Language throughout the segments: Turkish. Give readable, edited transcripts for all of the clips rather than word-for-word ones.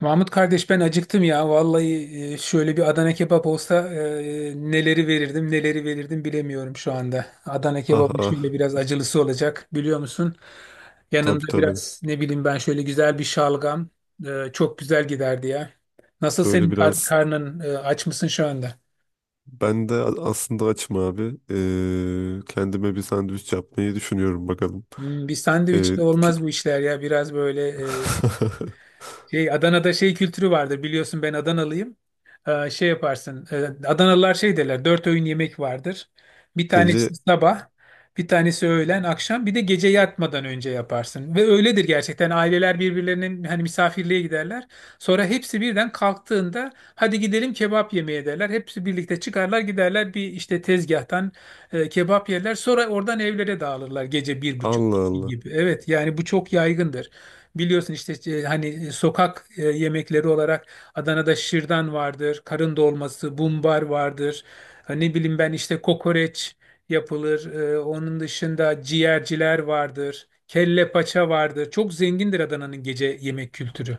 Mahmut kardeş ben acıktım ya. Vallahi şöyle bir Adana kebap olsa neleri verirdim neleri verirdim bilemiyorum şu anda. Adana Ah kebabı ah şöyle biraz acılısı olacak biliyor musun? tabii Yanında tabii biraz ne bileyim ben şöyle güzel bir şalgam çok güzel giderdi ya. Nasıl böyle senin kar- biraz karnın aç mısın şu anda? ben de aslında açım abi. Kendime bir sandviç yapmayı düşünüyorum bakalım. Bir Ee, sandviçle ki- olmaz bu işler ya. Biraz böyle e, Şey, Adana'da şey kültürü vardır biliyorsun, ben Adanalıyım. Şey yaparsın. Adanalılar şey derler. Dört öğün yemek vardır. Bir tanesi Gece. sabah, bir tanesi öğlen, akşam, bir de gece yatmadan önce yaparsın. Ve öyledir gerçekten. Aileler birbirlerinin hani misafirliğe giderler. Sonra hepsi birden kalktığında hadi gidelim kebap yemeye derler. Hepsi birlikte çıkarlar giderler bir işte tezgahtan kebap yerler. Sonra oradan evlere dağılırlar gece bir buçuk Allah iki Allah. gibi. Evet yani bu çok yaygındır. Biliyorsun işte hani sokak yemekleri olarak Adana'da şırdan vardır, karın dolması, bumbar vardır. Ha, ne bileyim ben işte kokoreç yapılır. Onun dışında ciğerciler vardır. Kelle paça vardır. Çok zengindir Adana'nın gece yemek kültürü.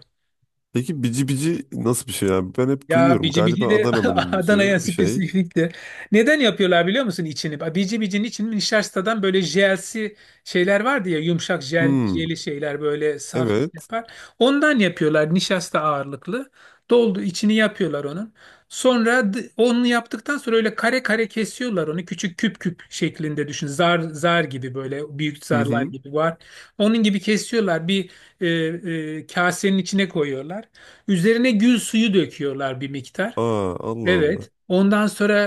Peki bici bici nasıl bir şey abi? Ben hep Ya duyuyorum. bici bici Galiba de Adana'nın ünlüsü Adana'ya bir şey. spesifik de. Neden yapıyorlar biliyor musun içini? Bici bicinin içini nişastadan böyle jelsi şeyler vardı ya, yumuşak jel, Hmm, jeli şeyler böyle saf evet. yapar. Ondan yapıyorlar nişasta ağırlıklı. Doldu içini yapıyorlar onun. Sonra onu yaptıktan sonra öyle kare kare kesiyorlar onu. Küçük küp küp şeklinde düşün. Zar zar gibi böyle büyük Hı zarlar hı. gibi var. Onun gibi kesiyorlar. Bir e, kasenin içine koyuyorlar. Üzerine gül suyu döküyorlar bir miktar. Aa Allah Allah. Evet. Ondan sonra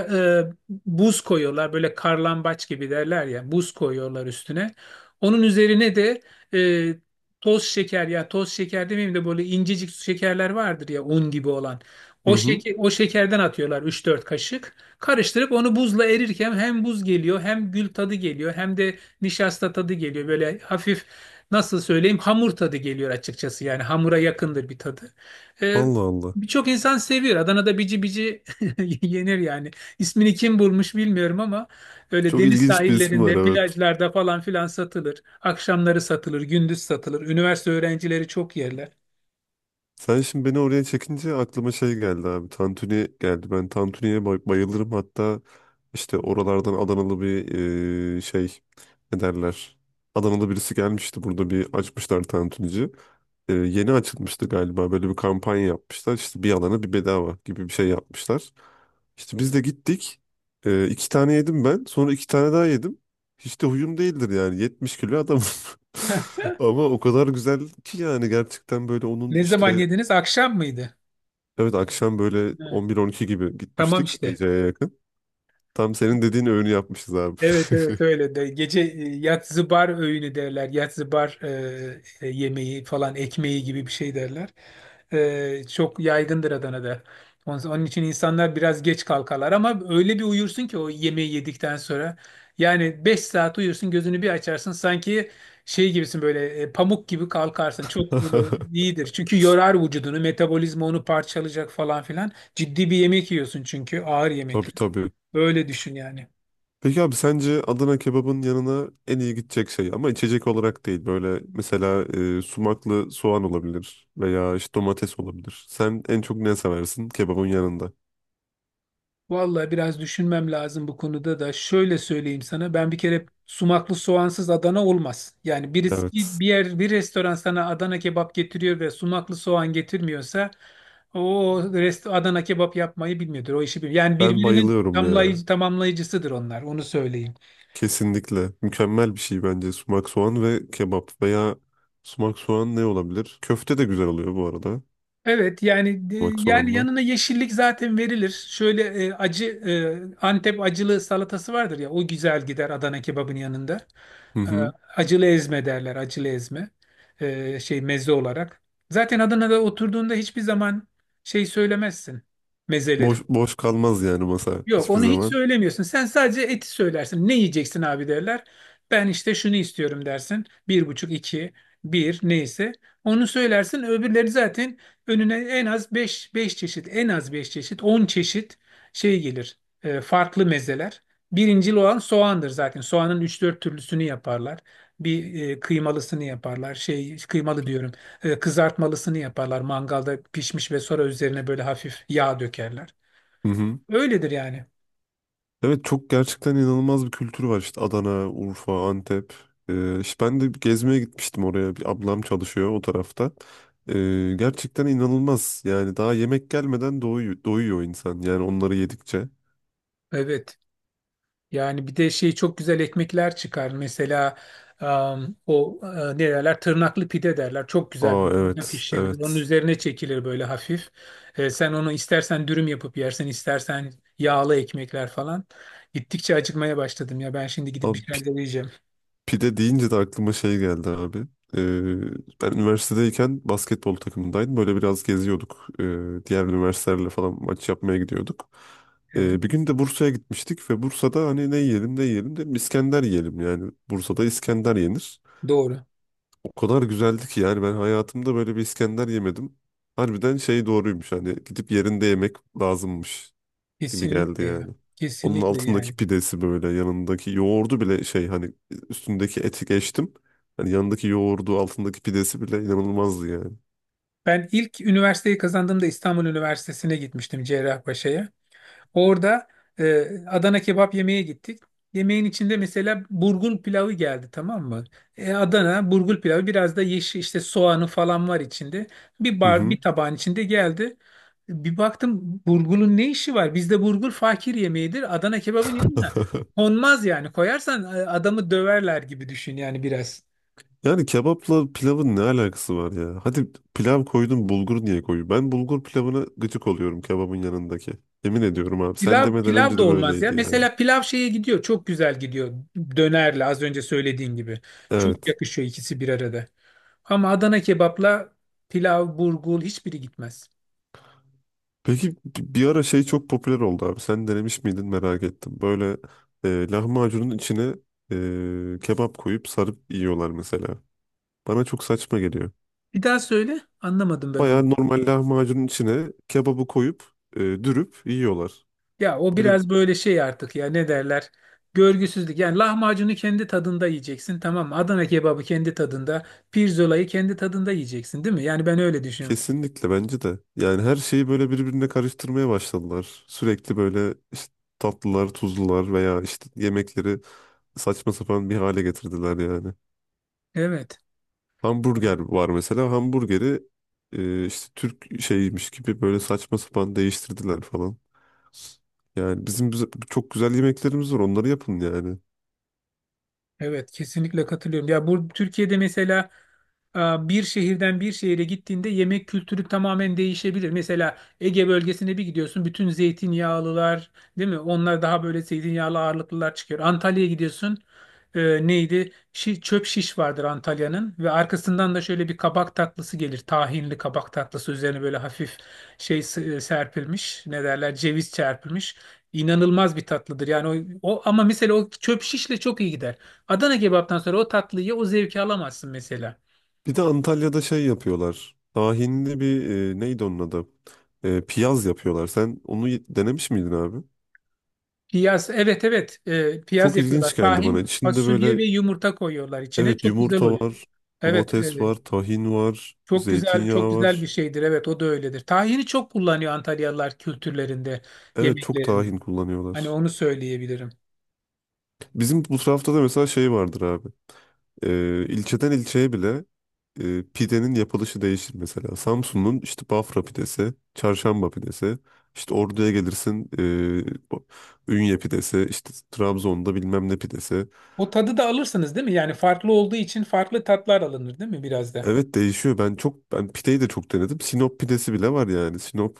e, buz koyuyorlar. Böyle karlambaç gibi derler ya. Buz koyuyorlar üstüne. Onun üzerine de e, toz şeker, ya toz şeker demeyeyim de böyle incecik şekerler vardır ya un gibi olan. Hı O hı. şeker, o şekerden atıyorlar üç dört kaşık. Karıştırıp onu buzla erirken hem buz geliyor hem gül tadı geliyor hem de nişasta tadı geliyor. Böyle hafif nasıl söyleyeyim, hamur tadı geliyor açıkçası. Yani hamura yakındır bir tadı. E, Allah Allah. Birçok insan seviyor. Adana'da bici bici yenir yani. İsmini kim bulmuş bilmiyorum ama öyle Çok deniz ilginç bir ismi var, sahillerinde, evet. plajlarda falan filan satılır. Akşamları satılır, gündüz satılır. Üniversite öğrencileri çok yerler. Sen şimdi beni oraya çekince aklıma şey geldi abi. Tantuni geldi. Ben Tantuni'ye bayılırım. Hatta işte oralardan Adanalı bir şey, ne derler. Adanalı birisi gelmişti, burada bir açmışlar tantunici. Yeni açılmıştı galiba, böyle bir kampanya yapmışlar. İşte bir alana bir bedava gibi bir şey yapmışlar. İşte biz de gittik. İki tane yedim ben. Sonra iki tane daha yedim. Hiç de huyum değildir yani. 70 kilo adamım. Ama o kadar güzel ki yani, gerçekten böyle onun Ne zaman işte. yediniz? Akşam mıydı? Evet, akşam böyle Evet. 11 12 gibi Tamam gitmiştik, işte. geceye yakın. Tam senin dediğin öğünü yapmışız abi. Evet, evet, öyle de gece yatzıbar öğünü derler, yatzıbar yemeği falan, ekmeği gibi bir şey derler. Çok yaygındır Adana'da. Onun, onun için insanlar biraz geç kalkarlar ama öyle bir uyursun ki o yemeği yedikten sonra. Yani 5 saat uyursun, gözünü bir açarsın sanki şey gibisin, böyle pamuk gibi kalkarsın. Çok iyidir çünkü yorar vücudunu, metabolizma onu parçalayacak falan filan. Ciddi bir yemek yiyorsun çünkü ağır Tabii yemekler. tabii. Öyle düşün yani. Peki abi, sence Adana kebabın yanına en iyi gidecek şey, ama içecek olarak değil, böyle mesela sumaklı soğan olabilir veya işte domates olabilir. Sen en çok ne seversin kebabın yanında? Vallahi biraz düşünmem lazım bu konuda da. Şöyle söyleyeyim sana. Ben bir kere sumaklı soğansız Adana olmaz. Yani birisi bir Evet. Yer, bir restoran sana Adana kebap getiriyor ve sumaklı soğan getirmiyorsa, o Adana kebap yapmayı bilmiyordur. O işi bilmiyor. Yani Ben birbirinin bayılıyorum ya. Tamamlayıcısıdır onlar. Onu söyleyeyim. Kesinlikle. Mükemmel bir şey bence sumak soğan ve kebap veya sumak soğan. Ne olabilir? Köfte de güzel oluyor bu arada. Evet yani Bak, soğanla. yanına yeşillik zaten verilir. Şöyle acı Antep acılı salatası vardır ya, o güzel gider Adana kebabın yanında. Hı E, hı. Acılı ezme derler, acılı ezme, şey, meze olarak. Zaten Adana'da oturduğunda hiçbir zaman şey söylemezsin, mezeleri. Boş boş kalmaz yani masa Yok, hiçbir onu hiç zaman. söylemiyorsun. Sen sadece eti söylersin. Ne yiyeceksin abi derler. Ben işte şunu istiyorum dersin. Bir buçuk, iki, bir neyse. Onu söylersin. Öbürleri zaten önüne en az beş çeşit, en az beş çeşit, 10 çeşit şey gelir. Farklı mezeler. Birincil olan soğandır zaten. Soğanın üç dört türlüsünü yaparlar. Bir kıymalısını yaparlar. Şey, kıymalı diyorum. Kızartmalısını yaparlar. Mangalda pişmiş ve sonra üzerine böyle hafif yağ dökerler. Hı hı. Öyledir yani. Evet, çok gerçekten inanılmaz bir kültür var işte Adana, Urfa, Antep. İşte ben de bir gezmeye gitmiştim oraya. Bir ablam çalışıyor o tarafta. Gerçekten inanılmaz. Yani daha yemek gelmeden doyuyor, doyuyor insan. Yani onları yedikçe. Evet. Yani bir de şey, çok güzel ekmekler çıkar. Mesela o, ne derler? Tırnaklı pide derler. Çok güzel Aa bir evet, pişirilir. Onun evet. üzerine çekilir böyle hafif. Sen onu istersen dürüm yapıp yersin, istersen yağlı ekmekler falan. Gittikçe acıkmaya başladım ya. Ben şimdi gidip bir Abi, şeyler de yiyeceğim. pide deyince de aklıma şey geldi abi. Ee, Ben üniversitedeyken basketbol takımındaydım. Böyle biraz geziyorduk. Diğer üniversitelerle falan maç yapmaya gidiyorduk. Evet. Bir gün de Bursa'ya gitmiştik ve Bursa'da hani ne yiyelim ne yiyelim dedim, İskender yiyelim yani. Bursa'da İskender yenir. Doğru. O kadar güzeldi ki yani, ben hayatımda böyle bir İskender yemedim. Harbiden şey doğruymuş, hani gidip yerinde yemek lazımmış gibi geldi Kesinlikle yani. ya. Onun Kesinlikle altındaki yani. pidesi, böyle yanındaki yoğurdu bile şey hani, üstündeki eti geçtim. Hani yanındaki yoğurdu, altındaki pidesi bile inanılmazdı yani. Ben ilk üniversiteyi kazandığımda İstanbul Üniversitesi'ne gitmiştim, Cerrahpaşa'ya. Orada Adana kebap yemeye gittik. Yemeğin içinde mesela burgul pilavı geldi, tamam mı? Adana burgul pilavı biraz da yeşil işte, soğanı falan var içinde. Bir Hı bar, hı. bir tabağın içinde geldi. Bir baktım burgulun ne işi var? Bizde burgul fakir yemeğidir. Adana kebabın yanına konmaz yani. Koyarsan adamı döverler gibi düşün yani biraz. Yani kebapla pilavın ne alakası var ya? Hadi pilav koydun, bulgur niye koyuyor? Ben bulgur pilavına gıcık oluyorum kebabın yanındaki. Yemin ediyorum abi, sen Pilav demeden pilav önce da de olmaz ya. böyleydi yani. Mesela pilav şeye gidiyor. Çok güzel gidiyor. Dönerle, az önce söylediğin gibi. Çok Evet. yakışıyor ikisi bir arada. Ama Adana kebapla pilav, burgul hiçbiri gitmez. Peki, bir ara şey çok popüler oldu abi. Sen denemiş miydin, merak ettim. Böyle lahmacunun içine kebap koyup sarıp yiyorlar mesela. Bana çok saçma geliyor. Bir daha söyle. Anlamadım ben Baya onu. normal lahmacunun içine kebabı koyup dürüp yiyorlar. Ya o Böyle biraz böyle şey artık ya, ne derler? Görgüsüzlük. Yani lahmacunu kendi tadında yiyeceksin, tamam mı? Adana kebabı kendi tadında, pirzolayı kendi tadında yiyeceksin, değil mi? Yani ben öyle düşünüyorum. kesinlikle bence de. Yani her şeyi böyle birbirine karıştırmaya başladılar. Sürekli böyle işte tatlılar, tuzlular veya işte yemekleri saçma sapan bir hale getirdiler yani. Evet. Hamburger var mesela. Hamburgeri işte Türk şeymiş gibi böyle saçma sapan değiştirdiler falan. Yani çok güzel yemeklerimiz var. Onları yapın yani. Evet, kesinlikle katılıyorum. Ya bu Türkiye'de mesela e, bir şehirden bir şehire gittiğinde yemek kültürü tamamen değişebilir. Mesela Ege bölgesine bir gidiyorsun, bütün zeytinyağlılar, değil mi? Onlar daha böyle zeytinyağlı ağırlıklılar çıkıyor. Antalya'ya gidiyorsun, neydi? Çöp şiş vardır Antalya'nın ve arkasından da şöyle bir kabak tatlısı gelir. Tahinli kabak tatlısı üzerine böyle hafif şey serpilmiş, ne derler? Ceviz çarpılmış. İnanılmaz bir tatlıdır. Yani o ama mesela o çöp şişle çok iyi gider. Adana kebaptan sonra o tatlıyı, o zevki alamazsın mesela. Bir de Antalya'da şey yapıyorlar. Tahinli bir neydi onun adı? E, piyaz yapıyorlar. Sen onu denemiş miydin abi? Piyaz, evet, evet, Çok piyaz yapıyorlar. ilginç geldi bana. Tahin, İçinde fasulye böyle, ve yumurta koyuyorlar içine. evet, Çok güzel yumurta oluyor. var, Evet, domates var, tahin var, çok güzel, çok zeytinyağı güzel bir var. şeydir. Evet, o da öyledir. Tahini çok kullanıyor Antalyalılar kültürlerinde, Evet, çok yemeklerinde. tahin Hani kullanıyorlar. onu söyleyebilirim. Bizim bu tarafta da mesela şey vardır abi. İlçeden ilçeye bile pidenin yapılışı değişir mesela. Samsun'un işte Bafra pidesi, Çarşamba pidesi, işte Ordu'ya gelirsin, Ünye pidesi, işte Trabzon'da bilmem ne pidesi. O tadı da alırsınız değil mi? Yani farklı olduğu için farklı tatlar alınır değil mi biraz da? Evet, değişiyor. Ben çok, ben pideyi de çok denedim. Sinop pidesi bile var yani. Sinop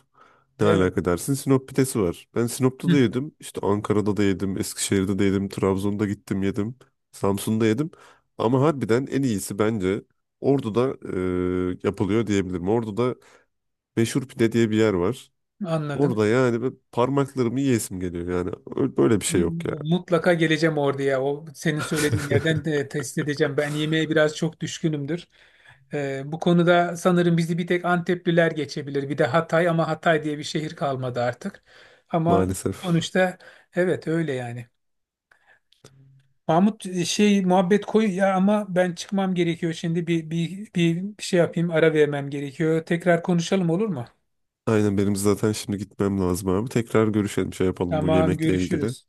ne Evet. alaka dersin? Sinop pidesi var. Ben Sinop'ta da Hı, yedim. İşte Ankara'da da yedim. Eskişehir'de de yedim. Trabzon'da gittim yedim. Samsun'da yedim. Ama harbiden en iyisi bence Ordu'da yapılıyor diyebilirim. Ordu'da meşhur pide diye bir yer var. anladım. Orada yani ben parmaklarımı yiyesim geliyor yani. Böyle bir şey yok ya. Mutlaka geleceğim orduya. O senin söylediğin yerden de test edeceğim. Ben yemeğe biraz çok düşkünümdür. Bu konuda sanırım bizi bir tek Antepliler geçebilir. Bir de Hatay, ama Hatay diye bir şehir kalmadı artık. Ama Maalesef. sonuçta, evet, öyle yani. Mahmut, şey muhabbet koy ya, ama ben çıkmam gerekiyor şimdi. Bir şey yapayım, ara vermem gerekiyor. Tekrar konuşalım, olur mu? Aynen, benim zaten şimdi gitmem lazım abi. Tekrar görüşelim, şey yapalım bu Tamam, yemekle ilgili. görüşürüz.